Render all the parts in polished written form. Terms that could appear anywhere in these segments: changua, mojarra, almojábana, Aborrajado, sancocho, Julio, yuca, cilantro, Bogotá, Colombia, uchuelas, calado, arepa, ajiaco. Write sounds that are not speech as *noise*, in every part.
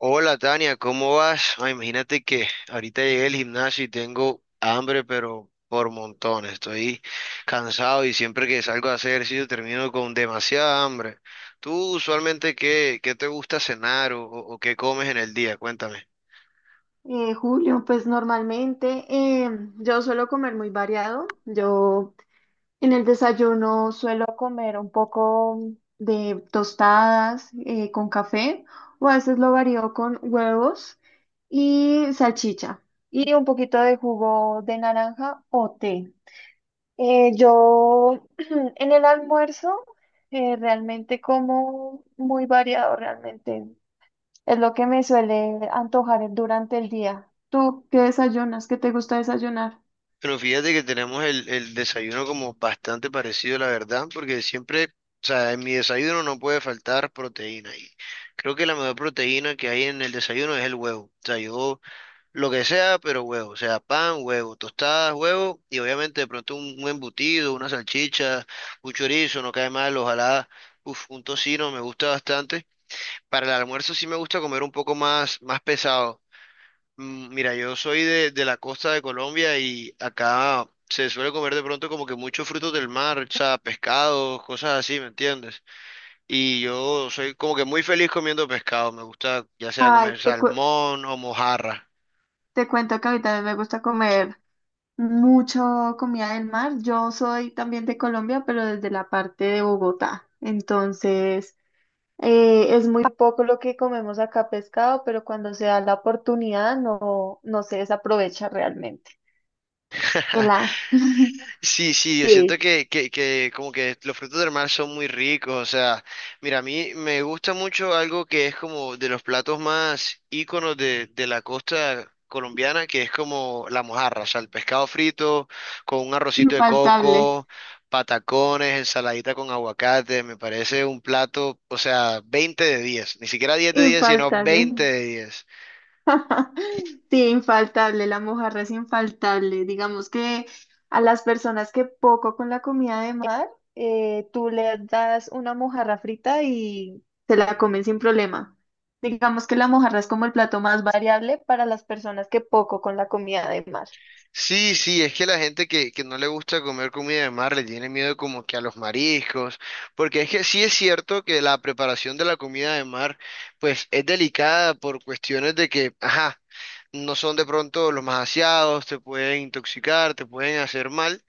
Hola Tania, ¿cómo vas? Ay, imagínate que ahorita llegué al gimnasio y tengo hambre, pero por montones. Estoy cansado y siempre que salgo a hacer ejercicio termino con demasiada hambre. ¿Tú usualmente qué te gusta cenar o qué comes en el día? Cuéntame. Julio, pues normalmente eh, yo suelo comer muy variado. Yo en el desayuno suelo comer un poco de tostadas con café, o a veces lo varío con huevos y salchicha y un poquito de jugo de naranja o té. Yo *clears throat* en el almuerzo realmente como muy variado realmente. Es lo que me suele antojar durante el día. ¿Tú qué desayunas? ¿Qué te gusta desayunar? Pero fíjate que tenemos el desayuno como bastante parecido, la verdad, porque siempre, o sea, en mi desayuno no puede faltar proteína y creo que la mejor proteína que hay en el desayuno es el huevo. O sea, yo lo que sea, pero huevo, o sea, pan, huevo, tostadas, huevo, y obviamente de pronto un embutido, una salchicha, un chorizo, no cae mal, ojalá, uf, un tocino, me gusta bastante. Para el almuerzo sí me gusta comer un poco más, más pesado. Mira, yo soy de la costa de Colombia y acá se suele comer de pronto como que muchos frutos del mar, o sea, pescados, cosas así, ¿me entiendes? Y yo soy como que muy feliz comiendo pescado, me gusta ya sea Ay, comer salmón o mojarra. te cuento que a mí también me gusta comer mucho comida del mar. Yo soy también de Colombia, pero desde la parte de Bogotá. Entonces, es muy poco lo que comemos acá pescado, pero cuando se da la oportunidad no se desaprovecha realmente. El *laughs* a- Sí, sí, yo siento Sí. que como que los frutos del mar son muy ricos, o sea, mira, a mí me gusta mucho algo que es como de los platos más íconos de la costa colombiana, que es como la mojarra, o sea, el pescado frito con un arrocito de Infaltable, coco, patacones, ensaladita con aguacate, me parece un plato, o sea, 20 de 10, ni siquiera 10 de 10, sino infaltable. 20 de 10. *laughs* Sí, infaltable, la mojarra es infaltable. Digamos que a las personas que poco con la comida de mar, tú le das una mojarra frita y se la comen sin problema. Digamos que la mojarra es como el plato más variable para las personas que poco con la comida de mar. Sí, sí, es que la gente que no le gusta comer comida de mar le tiene miedo como que a los mariscos, porque es que sí es cierto que la preparación de la comida de mar pues es delicada por cuestiones de que, ajá, no son de pronto los más aseados, te pueden intoxicar, te pueden hacer mal.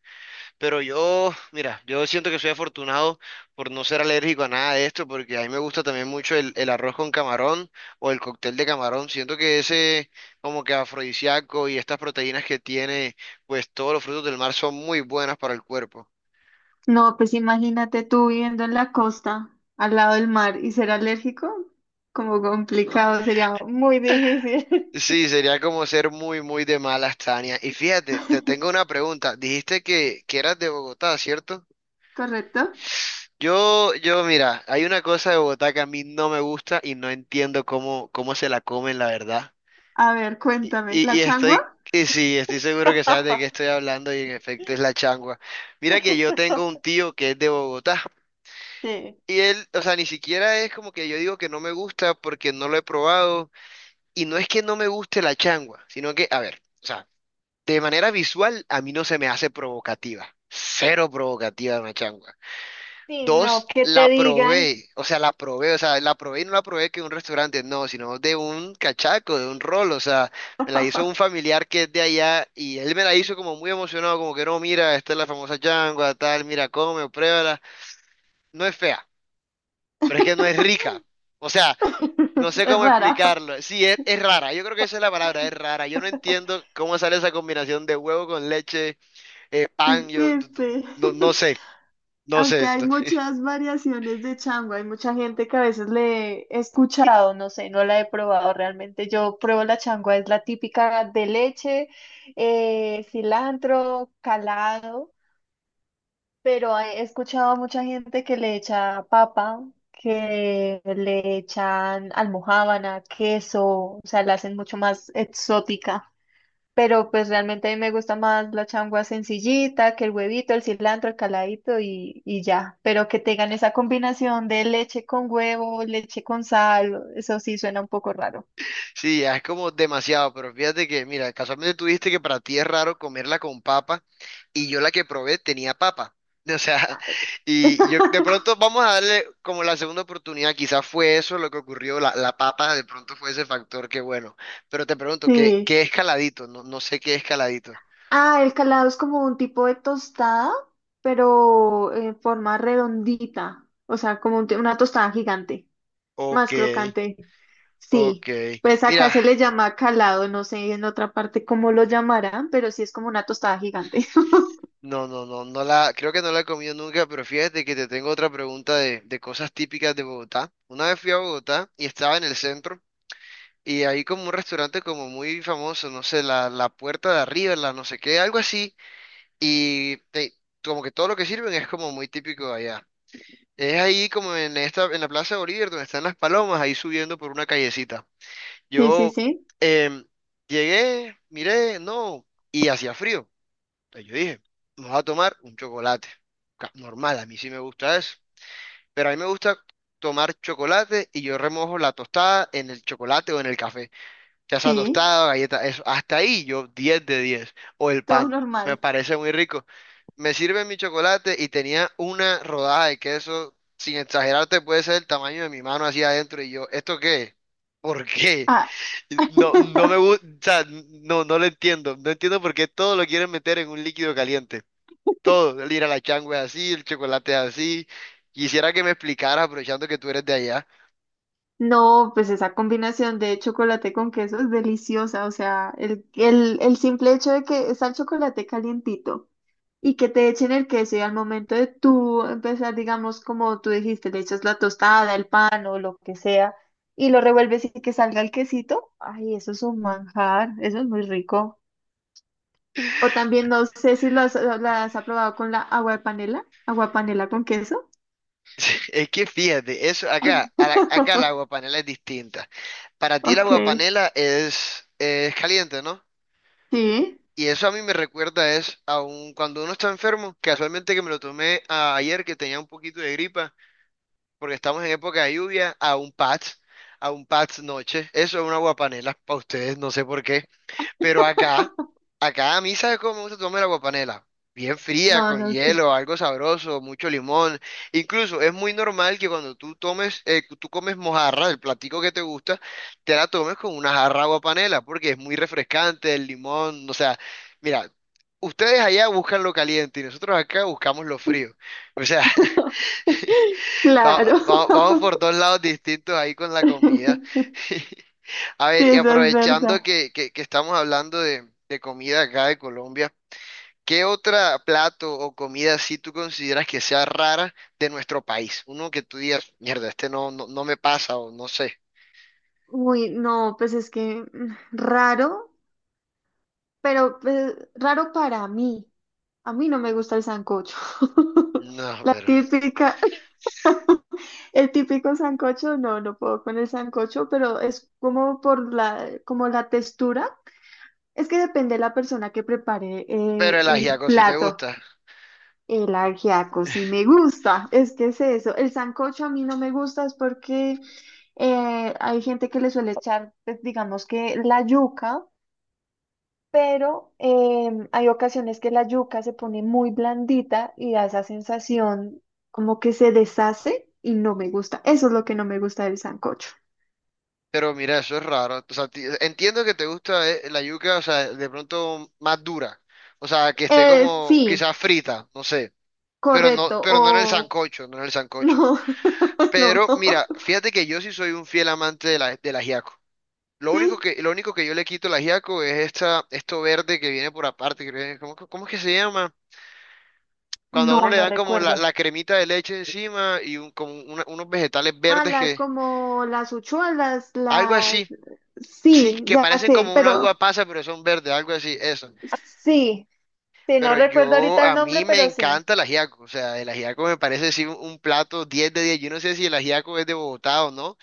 Pero yo, mira, yo siento que soy afortunado por no ser alérgico a nada de esto, porque a mí me gusta también mucho el arroz con camarón o el cóctel de camarón. Siento que ese como que afrodisíaco y estas proteínas que tiene, pues todos los frutos del mar son muy buenas para el cuerpo. No, pues imagínate tú viviendo en la costa, al lado del mar, y ser alérgico, como complicado, sería muy difícil. Sí, sería como ser muy, muy de malas, Tania. Y fíjate, te tengo una *laughs* pregunta. Dijiste que eras de Bogotá, ¿cierto? ¿Correcto? Yo, mira, hay una cosa de Bogotá que a mí no me gusta y no entiendo cómo se la comen, la verdad. A ver, Y, cuéntame, y- y ¿la estoy, changua? y sí, estoy seguro que sabes de qué estoy *laughs* hablando y en efecto es la changua. Mira que yo tengo un tío que es de Bogotá Sí, y él, o sea, ni siquiera es como que yo digo que no me gusta porque no lo he probado y no es que no me guste la changua, sino que, a ver, o sea, de manera visual a mí no se me hace provocativa, cero provocativa una changua. sí, no, Dos, que te la digan, probé, o sea, la probé, o sea, la probé y no la probé que de un restaurante, no, sino de un cachaco, de un rol, o sea, me la hizo un *laughs* familiar que es de allá y él me la hizo como muy emocionado, como que no, mira, esta es la famosa changua, tal, mira, come, pruébala. No es fea, pero es que no es rica, o sea, no sé es cómo rara. explicarlo. Sí, es rara, yo creo que esa es la palabra, es rara. Yo no entiendo cómo sale esa combinación de huevo con leche, y- pan, yo sí, d- d- sí. no, no *laughs* sé, no Aunque sé. hay muchas variaciones de chango, hay mucha gente que a veces le he escuchado, no sé, no la he probado realmente. Yo pruebo la changua, es la típica de leche, cilantro, calado. Pero he escuchado a mucha gente que le echa papa, que le echan almojábana, queso, o sea, la hacen mucho más exótica. Pero pues realmente a mí me gusta más la changua sencillita, que el huevito, el cilantro, el caladito, y ya. Pero que tengan esa combinación de leche con huevo, leche con sal, eso sí suena un poco raro. Sí, ya es como demasiado, pero fíjate que, mira, casualmente tú dijiste que para ti es raro comerla con papa y yo la que probé tenía papa. *laughs* O sea, y yo de *laughs* pronto vamos a darle como la segunda oportunidad, quizás fue eso lo que ocurrió, la papa de pronto fue ese factor que bueno, pero te pregunto, ¿qué, Sí. qué escaladito? No, no sé qué escaladito. Ah, el calado es como un tipo de tostada, pero en forma redondita, o sea, como un una tostada gigante, Ok, más crocante. ok. Sí, pues acá Mira, se le llama calado, no sé en otra parte cómo lo llamarán, pero sí es como una tostada gigante. *laughs* Creo que no la he comido nunca, pero fíjate que te tengo otra pregunta de cosas típicas de Bogotá. Una vez fui a Bogotá y estaba en el centro. Y hay como un restaurante como muy famoso, no sé, la puerta de arriba, la no sé qué, algo así. Y te- Como que todo lo que sirven es como muy típico de allá. Es ahí como en esta, en la Plaza Bolívar, donde están las palomas, ahí subiendo por una callecita. Sí, sí, Yo sí, em, llegué, miré, no, y hacía frío. Entonces yo dije, vamos a tomar un chocolate. Normal, a mí sí me gusta eso. Pero a mí me gusta tomar chocolate y yo remojo la tostada en el chocolate o en el café. Casa sí, tostada, galleta, eso. Hasta ahí yo 10 de diez. O el todo pan, me normal. parece muy rico. Me sirve mi chocolate y tenía una rodada de queso, sin exagerarte, puede ser el tamaño de mi mano hacia adentro. Y yo, ¿esto qué es? ¿Por qué? Ah. No, no me *laughs* gusta, o sea, no, no lo entiendo. No entiendo por qué todo lo quieren meter en un líquido caliente. Todo, el ir a la changua es así, el chocolate es así. Quisiera que me explicaras, aprovechando que tú eres de allá. No, pues esa combinación de chocolate con queso es deliciosa. O sea, el simple hecho de que está el chocolate calientito y que te echen el queso, y al momento de tú empezar, digamos, como tú dijiste, le echas la tostada, el pan o lo que sea, y lo revuelves y que salga el quesito, ay, eso es un manjar, eso es muy rico. O también no sé si lo has probado con la agua de panela con queso. *laughs* Es que fíjate, eso acá, acá el agua *laughs* panela es distinta. Para ti el Ok, agua panela es caliente, ¿no? sí, Y eso a mí me recuerda es a un, cuando uno está enfermo, casualmente que me lo tomé ayer que tenía un poquito de gripa, porque estamos en época de lluvia, a un patch noche. Eso es un agua panela para ustedes, no sé por qué. Pero acá, acá a mí, ¿sabes cómo me gusta tomarme la guapanela? Bien fría, no, con no sé. hielo, algo sabroso, mucho limón. Incluso es muy normal que cuando tú tomes, tú comes mojarra, el platico que te gusta, te la tomes con una jarra de guapanela, porque es muy refrescante, el limón, o sea, mira, ustedes allá buscan lo caliente y nosotros acá buscamos lo frío. O sea, *laughs* vamos, Claro. vamos por dos lados distintos ahí con la comida. *laughs* *laughs* A Sí, ver, y eso es aprovechando verdad. que estamos hablando de comida acá de Colombia, ¿qué otra plato o comida si tú consideras que sea rara de nuestro país? Uno que tú digas, mierda, este no, no, no me pasa o no sé. Uy, no, pues es que raro, pero pues, raro para mí. A mí no me gusta el sancocho. *laughs* No, La típica, *laughs* el típico sancocho, no, no puedo con el sancocho, pero es como por la, como la textura. Es que depende de la persona que prepare pero el el ajiaco sí te plato. gusta. El ajiaco sí me gusta, es que es eso. El sancocho a mí no me gusta es porque hay gente que le suele echar, pues, digamos que la yuca, pero hay ocasiones que la yuca se pone muy blandita y da esa sensación como que se deshace y no me gusta. Eso es lo que no me gusta del sancocho. Pero mira, eso es raro. O sea, entiendo que te gusta la yuca, o sea, de pronto más dura. O sea, que esté como Sí, quizás frita, no sé. Correcto. Pero no en el O sancocho, no en el *laughs* sancocho. no, *laughs* no, Pero mira, fíjate que yo sí soy un fiel amante de la, del ajiaco. Lo único sí, que, lo único que yo le quito al ajiaco es esta, esto verde que viene por aparte. ¿Cómo, cómo es que se llama? Cuando a uno no, le no dan como la, recuerdo. la cremita de leche encima y unos vegetales Ah, verdes las que... como las uchuelas, Algo las... así. Sí, Sí, que ya parecen sé, como una uva pero pasa, pero son verdes, algo así, eso. sí, sí, no Pero recuerdo yo, ahorita el a nombre, mí me pero sí, encanta el ajiaco. O sea, el ajiaco me parece sí un plato 10 de 10. Yo no sé si el ajiaco es de Bogotá o no.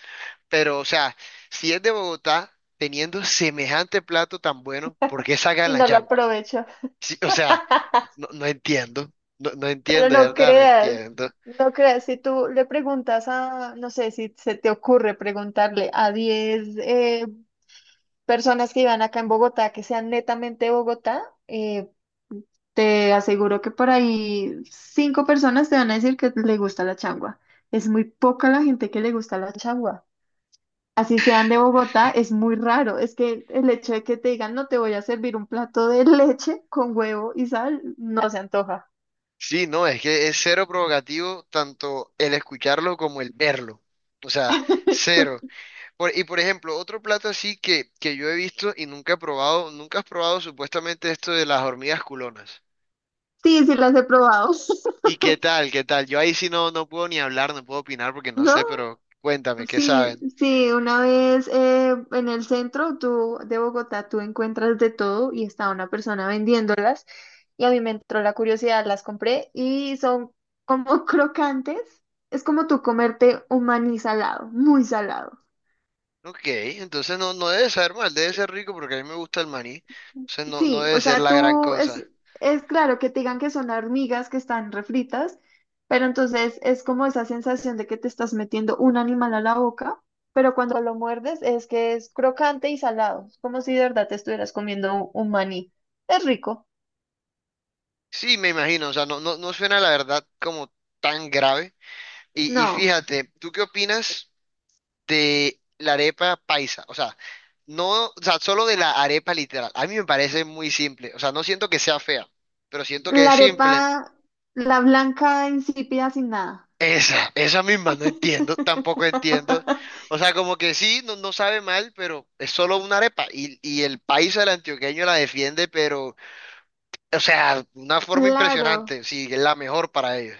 Pero, o sea, si es de Bogotá, teniendo semejante plato tan bueno, ¿por qué sacan y la no lo changua? aprovecho. Sí, o sea, no, no entiendo, no, no Pero entiendo, de no verdad, no creas, entiendo. no creas, si tú le preguntas a, no sé, si se te ocurre preguntarle a 10 personas que iban acá en Bogotá, que sean netamente de Bogotá, eh, te aseguro que por ahí cinco personas te van a decir que le gusta la changua. Es muy poca la gente que le gusta la changua. Así sean de Bogotá, es muy raro. Es que el hecho de que te digan, no te voy a servir un plato de *laughs* leche con huevo y sal, no se antoja. Sí, no, es que es cero provocativo tanto el escucharlo como el verlo. O sea, cero. Y por ejemplo, otro plato así que yo he visto y nunca he probado, nunca has probado supuestamente esto de las hormigas culonas. Sí, sí las he probado. ¿Y *laughs* qué tal? ¿Qué tal? Yo ahí sí no, no puedo ni hablar, no puedo opinar porque no No, sé, pero cuéntame, ¿qué sí, saben? sí, una vez en el centro, tú, de Bogotá tú encuentras de todo, y estaba una persona vendiéndolas y a mí me entró la curiosidad, las compré, y son como *laughs* crocantes. Es como tú comerte un maní salado, muy salado. Ok, entonces no, no debe saber mal, debe ser rico porque a mí me gusta el maní. Entonces no, no Sí, debe o ser sea, la gran cosa. Es claro que te digan que son hormigas que están refritas, pero entonces es como esa sensación de que te estás metiendo un animal a la boca, pero cuando lo muerdes es que es crocante y salado, es como si de verdad te estuvieras comiendo un maní. Es rico. Sí, me imagino, o sea, no, no, no suena la verdad como tan grave. Y No, fíjate, ¿tú qué opinas de la arepa paisa? O sea, no, o sea, solo de la arepa literal. A mí me parece muy simple, o sea, no siento que sea fea, pero siento que es la arepa, simple. la blanca, insípida, sin nada. Esa misma, no entiendo, tampoco entiendo. *laughs* O sea, como que sí, no, no sabe mal, pero es solo una arepa. Y el país del antioqueño la defiende, pero, o sea, una forma Claro. impresionante, sí, es la mejor para ellos.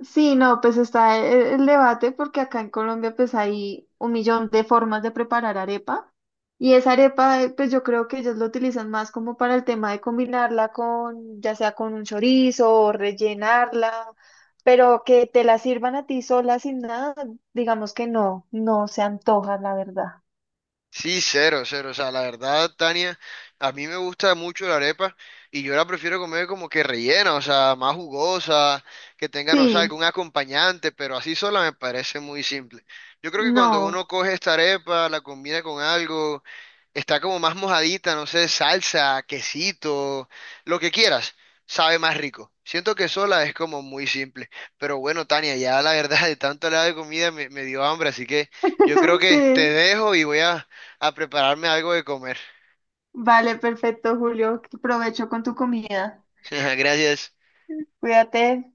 Sí, no, pues está el debate, porque acá en Colombia pues hay un millón de formas de preparar arepa, y esa arepa pues yo creo que ellos lo utilizan más como para el tema de combinarla con, ya sea con un chorizo, o rellenarla, pero que te la sirvan a ti sola sin nada, digamos que no, no se antoja la verdad. Sí, cero, cero. O sea, la verdad, Tania, a mí me gusta mucho la arepa y yo la prefiero comer como que rellena, o sea, más jugosa, que tenga, no sé, Sí, algún acompañante, pero así sola me parece muy simple. Yo creo que cuando no, uno coge esta arepa, la combina con algo, está como más mojadita, no sé, salsa, quesito, lo que quieras, sabe más rico. Siento que sola es como muy simple. Pero bueno, Tania, ya la verdad, de tanto hablar de comida me, me dio hambre, así que... Yo creo *laughs* que te sí, dejo y voy a prepararme algo de comer. vale, perfecto Julio, provecho con tu comida, *laughs* Gracias. cuídate.